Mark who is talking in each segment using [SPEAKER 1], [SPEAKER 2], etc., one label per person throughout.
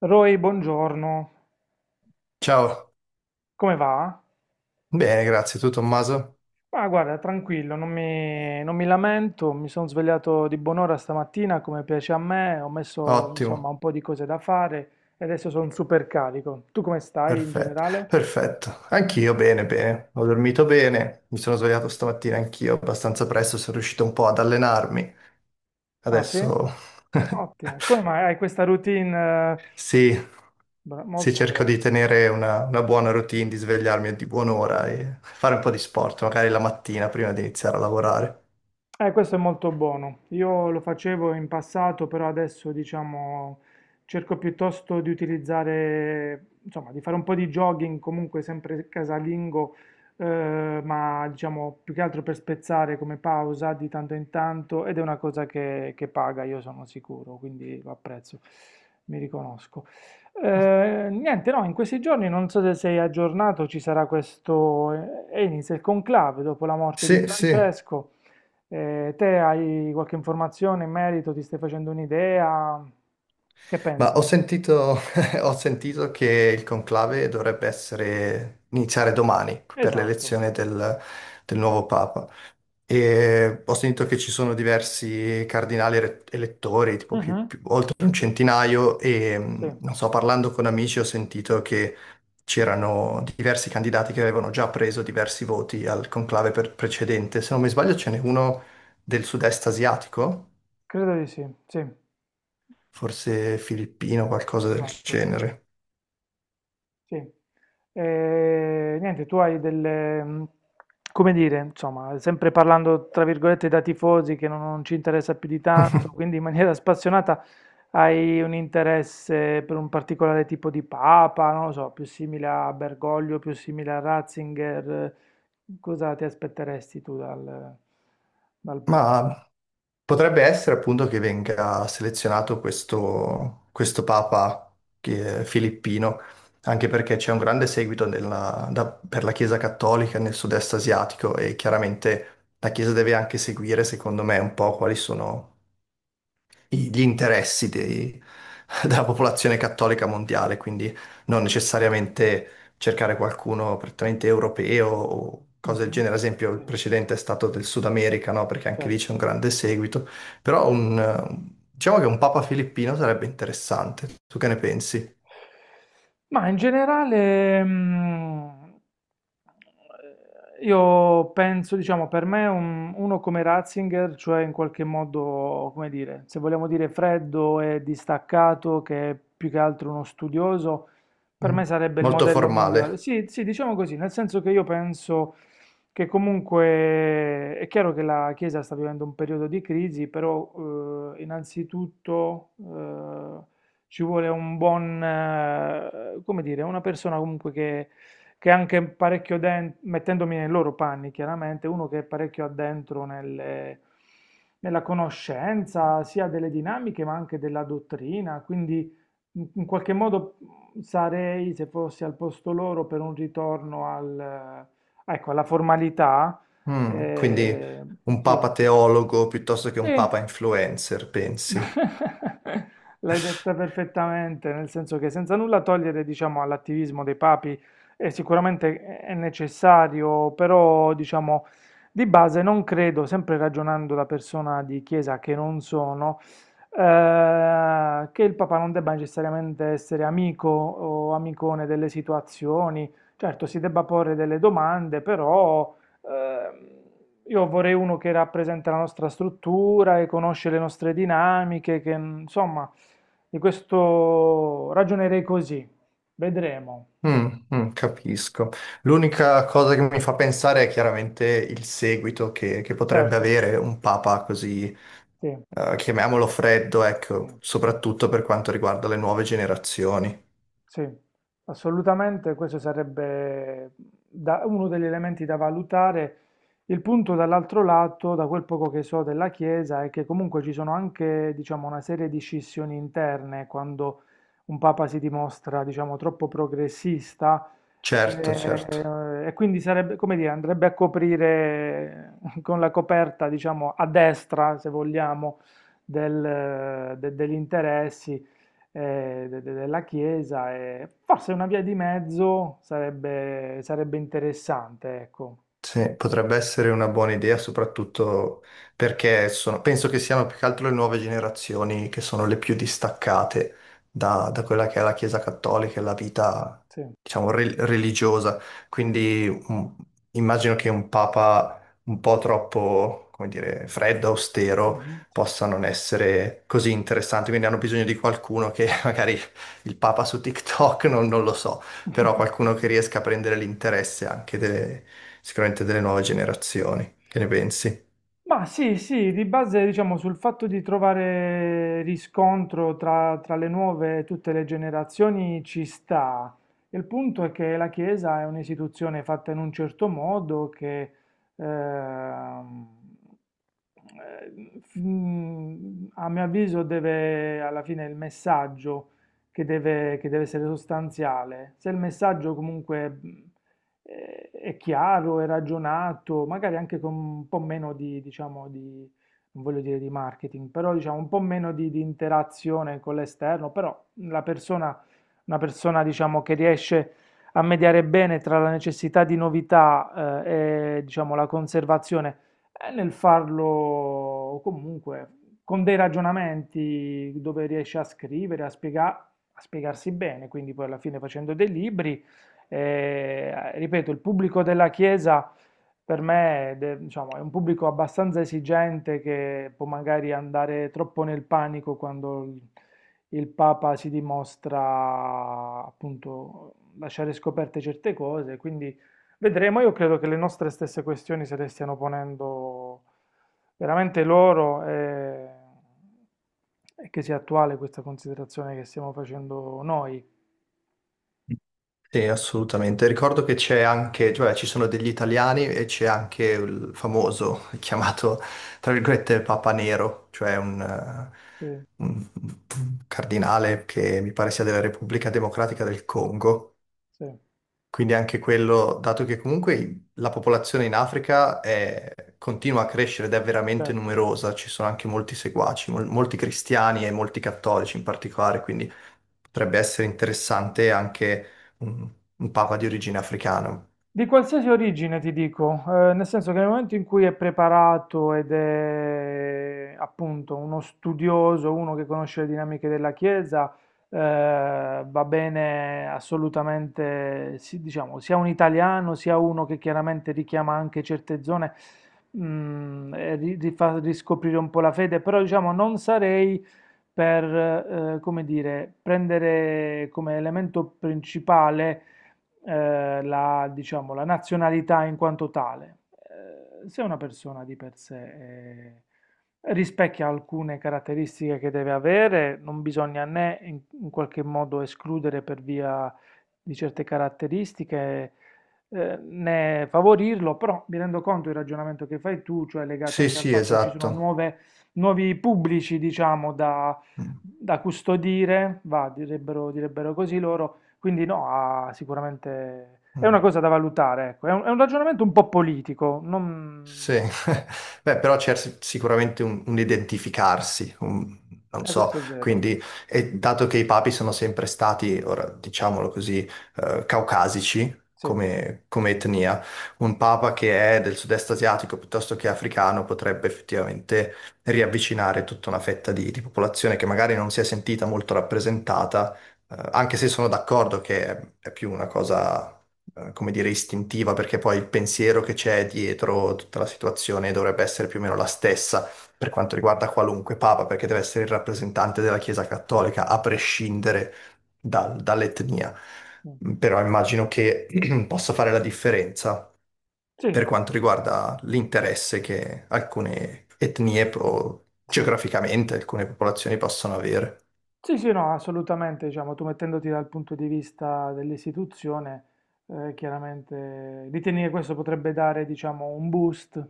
[SPEAKER 1] Roy, buongiorno,
[SPEAKER 2] Ciao,
[SPEAKER 1] come va?
[SPEAKER 2] bene, grazie. Tu Tommaso?
[SPEAKER 1] Ma guarda, tranquillo, non mi lamento, mi sono svegliato di buon'ora stamattina come piace a me, ho messo insomma
[SPEAKER 2] Ottimo,
[SPEAKER 1] un po' di cose da fare e adesso sono super carico. Tu come stai in
[SPEAKER 2] perfetto,
[SPEAKER 1] generale?
[SPEAKER 2] perfetto. Anch'io bene, bene. Ho dormito bene, mi sono svegliato stamattina anch'io abbastanza presto, sono riuscito un po' ad allenarmi.
[SPEAKER 1] Ah sì?
[SPEAKER 2] Adesso
[SPEAKER 1] Ottimo, come mai hai questa routine? eh,
[SPEAKER 2] sì, sì,
[SPEAKER 1] Molto
[SPEAKER 2] cerco di
[SPEAKER 1] bene.
[SPEAKER 2] tenere una buona routine, di svegliarmi a di buon'ora e fare un po' di sport, magari la mattina prima di iniziare a lavorare.
[SPEAKER 1] Questo è molto buono. Io lo facevo in passato, però adesso diciamo cerco piuttosto di utilizzare, insomma, di fare un po' di jogging, comunque sempre casalingo, ma diciamo più che altro per spezzare come pausa di tanto in tanto ed è una cosa che paga, io sono sicuro, quindi lo apprezzo, mi riconosco. Niente, no, in questi giorni non so se sei aggiornato, ci sarà questo, e inizia il conclave dopo la morte di
[SPEAKER 2] Sì, sì.
[SPEAKER 1] Francesco. Te hai qualche informazione in merito? Ti stai facendo un'idea? Che
[SPEAKER 2] Ma
[SPEAKER 1] pensi?
[SPEAKER 2] ho sentito, ho sentito che il conclave dovrebbe essere, iniziare domani per
[SPEAKER 1] Esatto.
[SPEAKER 2] l'elezione del nuovo Papa. E ho sentito che ci sono diversi cardinali elettori, tipo
[SPEAKER 1] Mhm.
[SPEAKER 2] oltre un centinaio, e
[SPEAKER 1] Sì,
[SPEAKER 2] non so, parlando con amici ho sentito che c'erano diversi candidati che avevano già preso diversi voti al conclave precedente. Se non mi sbaglio, ce n'è uno del sud-est asiatico,
[SPEAKER 1] credo di sì, sì,
[SPEAKER 2] forse filippino, qualcosa del
[SPEAKER 1] esatto.
[SPEAKER 2] genere.
[SPEAKER 1] Sì. E, niente, tu hai delle, come dire, insomma, sempre parlando tra virgolette da tifosi che non ci interessa più di tanto, quindi in maniera spassionata hai un interesse per un particolare tipo di papa, non lo so, più simile a Bergoglio, più simile a Ratzinger, cosa ti aspetteresti tu dal papa?
[SPEAKER 2] Ma potrebbe essere appunto che venga selezionato questo papa che è filippino, anche perché c'è un grande seguito per la Chiesa cattolica nel sud-est asiatico e chiaramente la Chiesa deve anche seguire, secondo me, un po' quali sono gli interessi della popolazione cattolica mondiale, quindi non necessariamente cercare qualcuno prettamente europeo o cose del
[SPEAKER 1] Mhm.
[SPEAKER 2] genere. Ad esempio, il
[SPEAKER 1] Sì,
[SPEAKER 2] precedente è stato del Sud America, no? Perché anche lì
[SPEAKER 1] certo.
[SPEAKER 2] c'è un grande seguito. Però diciamo che un Papa filippino sarebbe interessante. Tu che ne pensi?
[SPEAKER 1] Ma in generale, io penso, diciamo, per me uno come Ratzinger, cioè in qualche modo, come dire, se vogliamo dire freddo e distaccato, che è più che altro uno studioso, per
[SPEAKER 2] Mm.
[SPEAKER 1] me sarebbe il
[SPEAKER 2] Molto
[SPEAKER 1] modello migliore.
[SPEAKER 2] formale.
[SPEAKER 1] Sì, sì, diciamo così, nel senso che io penso che comunque è chiaro che la Chiesa sta vivendo un periodo di crisi, però innanzitutto ci vuole un buon, come dire, una persona comunque che è anche parecchio dentro, mettendomi nei loro panni chiaramente, uno che è parecchio addentro nella conoscenza sia delle dinamiche ma anche della dottrina, quindi in qualche modo sarei, se fossi al posto loro, per un ritorno ecco, alla formalità.
[SPEAKER 2] Quindi
[SPEAKER 1] eh,
[SPEAKER 2] un Papa
[SPEAKER 1] sì,
[SPEAKER 2] teologo piuttosto che
[SPEAKER 1] sì.
[SPEAKER 2] un Papa influencer, pensi?
[SPEAKER 1] L'hai detta perfettamente, nel senso che senza nulla togliere, diciamo, all'attivismo dei papi, sicuramente è necessario, però, diciamo, di base non credo, sempre ragionando da persona di chiesa che non sono, che il papa non debba necessariamente essere amico o amicone delle situazioni. Certo, si debba porre delle domande, però ehm, io vorrei uno che rappresenta la nostra struttura e conosce le nostre dinamiche, che insomma, di questo ragionerei così. Vedremo.
[SPEAKER 2] Mm, mm, capisco. L'unica cosa che mi fa pensare è chiaramente il seguito che potrebbe
[SPEAKER 1] Certo,
[SPEAKER 2] avere un papa così,
[SPEAKER 1] sì,
[SPEAKER 2] chiamiamolo freddo,
[SPEAKER 1] sì.
[SPEAKER 2] ecco, soprattutto per quanto riguarda le nuove generazioni.
[SPEAKER 1] Sì, assolutamente, questo sarebbe uno degli elementi da valutare. Il punto dall'altro lato, da quel poco che so della Chiesa, è che comunque ci sono anche, diciamo, una serie di scissioni interne quando un papa si dimostra, diciamo, troppo progressista
[SPEAKER 2] Certo, certo.
[SPEAKER 1] e quindi sarebbe, come dire, andrebbe a coprire con la coperta, diciamo, a destra, se vogliamo, degli interessi eh, della Chiesa e forse una via di mezzo sarebbe interessante, ecco.
[SPEAKER 2] Sì, potrebbe essere una buona idea, soprattutto perché penso che siano più che altro le nuove generazioni che sono le più distaccate da quella che è la Chiesa Cattolica e la vita,
[SPEAKER 1] Sì.
[SPEAKER 2] diciamo, religiosa. Quindi immagino che un papa un po' troppo, come dire, freddo, austero,
[SPEAKER 1] Mhm, sì.
[SPEAKER 2] possa non essere così interessante. Quindi hanno bisogno di qualcuno che magari il papa su TikTok, non lo so però qualcuno che riesca a prendere l'interesse anche delle, sicuramente delle nuove generazioni. Che ne pensi?
[SPEAKER 1] Ma sì, sì, di base diciamo sul fatto di trovare riscontro tra le nuove e tutte le generazioni ci sta. Il punto è che la Chiesa è un'istituzione fatta in un certo modo che ehm, eh, a mio avviso deve, alla fine il messaggio che deve essere sostanziale. Se il messaggio comunque è chiaro, è ragionato, magari anche con un po' meno diciamo, non voglio dire di marketing, però diciamo un po' meno di interazione con l'esterno, però la persona, una persona diciamo che riesce a mediare bene tra la necessità di novità, e diciamo la conservazione, è nel farlo comunque con dei ragionamenti dove riesce a scrivere, a spiegarsi bene, quindi poi alla fine facendo dei libri ripeto, il pubblico della Chiesa per me diciamo, è un pubblico abbastanza esigente che può magari andare troppo nel panico quando il Papa si dimostra appunto lasciare scoperte certe cose, quindi vedremo. Io credo che le nostre stesse questioni se le stiano ponendo veramente loro e che sia attuale questa considerazione che stiamo facendo noi.
[SPEAKER 2] Sì, assolutamente. Ricordo che c'è anche, cioè ci sono degli italiani e c'è anche il famoso chiamato, tra virgolette, Papa Nero, cioè
[SPEAKER 1] Sì,
[SPEAKER 2] un cardinale che mi pare sia della Repubblica Democratica del Congo.
[SPEAKER 1] sì,
[SPEAKER 2] Quindi anche quello, dato che comunque la popolazione in Africa continua a crescere ed è veramente
[SPEAKER 1] certo.
[SPEAKER 2] numerosa, ci sono anche molti seguaci, molti cristiani e molti cattolici in particolare, quindi potrebbe essere interessante anche un, un papa di origine africana.
[SPEAKER 1] Di qualsiasi origine ti dico, nel senso che nel momento in cui è preparato ed è appunto uno studioso, uno che conosce le dinamiche della Chiesa, va bene assolutamente, sì, diciamo, sia un italiano sia uno che chiaramente richiama anche certe zone, mm, e fa riscoprire un po' la fede, però diciamo non sarei per, come dire, prendere come elemento principale diciamo, la nazionalità in quanto tale. Se una persona di per sé rispecchia alcune caratteristiche che deve avere, non bisogna né in qualche modo escludere per via di certe caratteristiche, né favorirlo, però mi rendo conto il ragionamento che fai tu, cioè legato
[SPEAKER 2] Sì,
[SPEAKER 1] anche al
[SPEAKER 2] sì,
[SPEAKER 1] fatto che ci sono
[SPEAKER 2] esatto.
[SPEAKER 1] nuovi pubblici, diciamo, da,
[SPEAKER 2] Mm,
[SPEAKER 1] da custodire, va, direbbero, direbbero così loro, quindi no, ha sicuramente è una
[SPEAKER 2] mm.
[SPEAKER 1] cosa da valutare, ecco. È un ragionamento un po' politico, non
[SPEAKER 2] Sì, beh, però c'è sicuramente un identificarsi, non so,
[SPEAKER 1] questo è vero,
[SPEAKER 2] quindi, e dato che i papi sono sempre stati, ora diciamolo così, caucasici
[SPEAKER 1] sì, mm.
[SPEAKER 2] come etnia, un papa che è del sud-est asiatico piuttosto che africano potrebbe effettivamente riavvicinare tutta una fetta di popolazione che magari non si è sentita molto rappresentata anche se sono d'accordo che è più una cosa, come dire, istintiva, perché poi il pensiero che c'è dietro tutta la situazione dovrebbe essere più o meno la stessa per quanto riguarda qualunque papa, perché deve essere il rappresentante della Chiesa Cattolica, a prescindere dall'etnia. Però immagino che possa fare la differenza
[SPEAKER 1] Sì,
[SPEAKER 2] per quanto riguarda l'interesse che alcune etnie,
[SPEAKER 1] sì,
[SPEAKER 2] geograficamente, alcune popolazioni possono avere.
[SPEAKER 1] sì, sì, no, assolutamente, diciamo, tu mettendoti dal punto di vista dell'istituzione, chiaramente ritieni che questo potrebbe dare, diciamo, un boost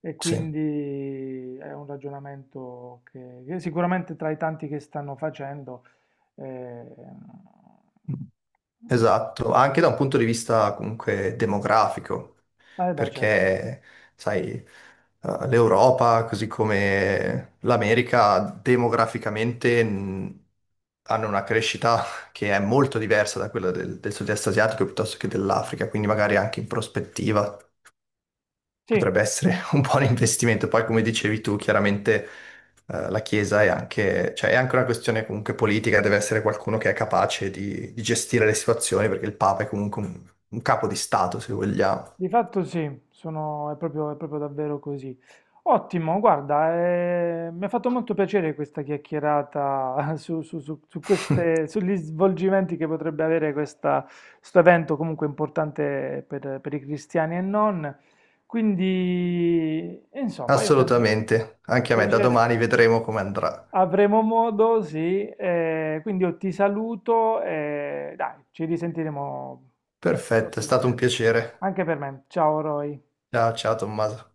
[SPEAKER 1] e
[SPEAKER 2] Sì.
[SPEAKER 1] quindi è un ragionamento che sicuramente tra i tanti che stanno facendo, eh,
[SPEAKER 2] Esatto, anche da un punto di vista comunque demografico,
[SPEAKER 1] eh beh, certo.
[SPEAKER 2] perché, sai, l'Europa, così come l'America, demograficamente hanno una crescita che è molto diversa da quella del sud-est asiatico piuttosto che
[SPEAKER 1] Sì,
[SPEAKER 2] dell'Africa, quindi
[SPEAKER 1] sì.
[SPEAKER 2] magari anche in prospettiva
[SPEAKER 1] Sì,
[SPEAKER 2] potrebbe essere un buon investimento. Poi, come dicevi tu, chiaramente la Chiesa è anche, cioè, è anche una questione comunque politica, deve essere qualcuno che è capace di gestire le situazioni, perché il Papa è comunque un capo di Stato, se vogliamo.
[SPEAKER 1] di fatto sì, è proprio davvero così. Ottimo, guarda, mi ha fatto molto piacere questa chiacchierata sugli svolgimenti che potrebbe avere questo evento comunque importante per i cristiani e non. Quindi, insomma, io penso,
[SPEAKER 2] Assolutamente,
[SPEAKER 1] con
[SPEAKER 2] anche a me, da
[SPEAKER 1] piacere,
[SPEAKER 2] domani vedremo come andrà.
[SPEAKER 1] avremo modo, sì, quindi io ti saluto e dai, ci risentiremo
[SPEAKER 2] Perfetto, è stato un
[SPEAKER 1] prossimamente.
[SPEAKER 2] piacere.
[SPEAKER 1] Anche per me, ciao Roy.
[SPEAKER 2] Ciao, ciao Tommaso.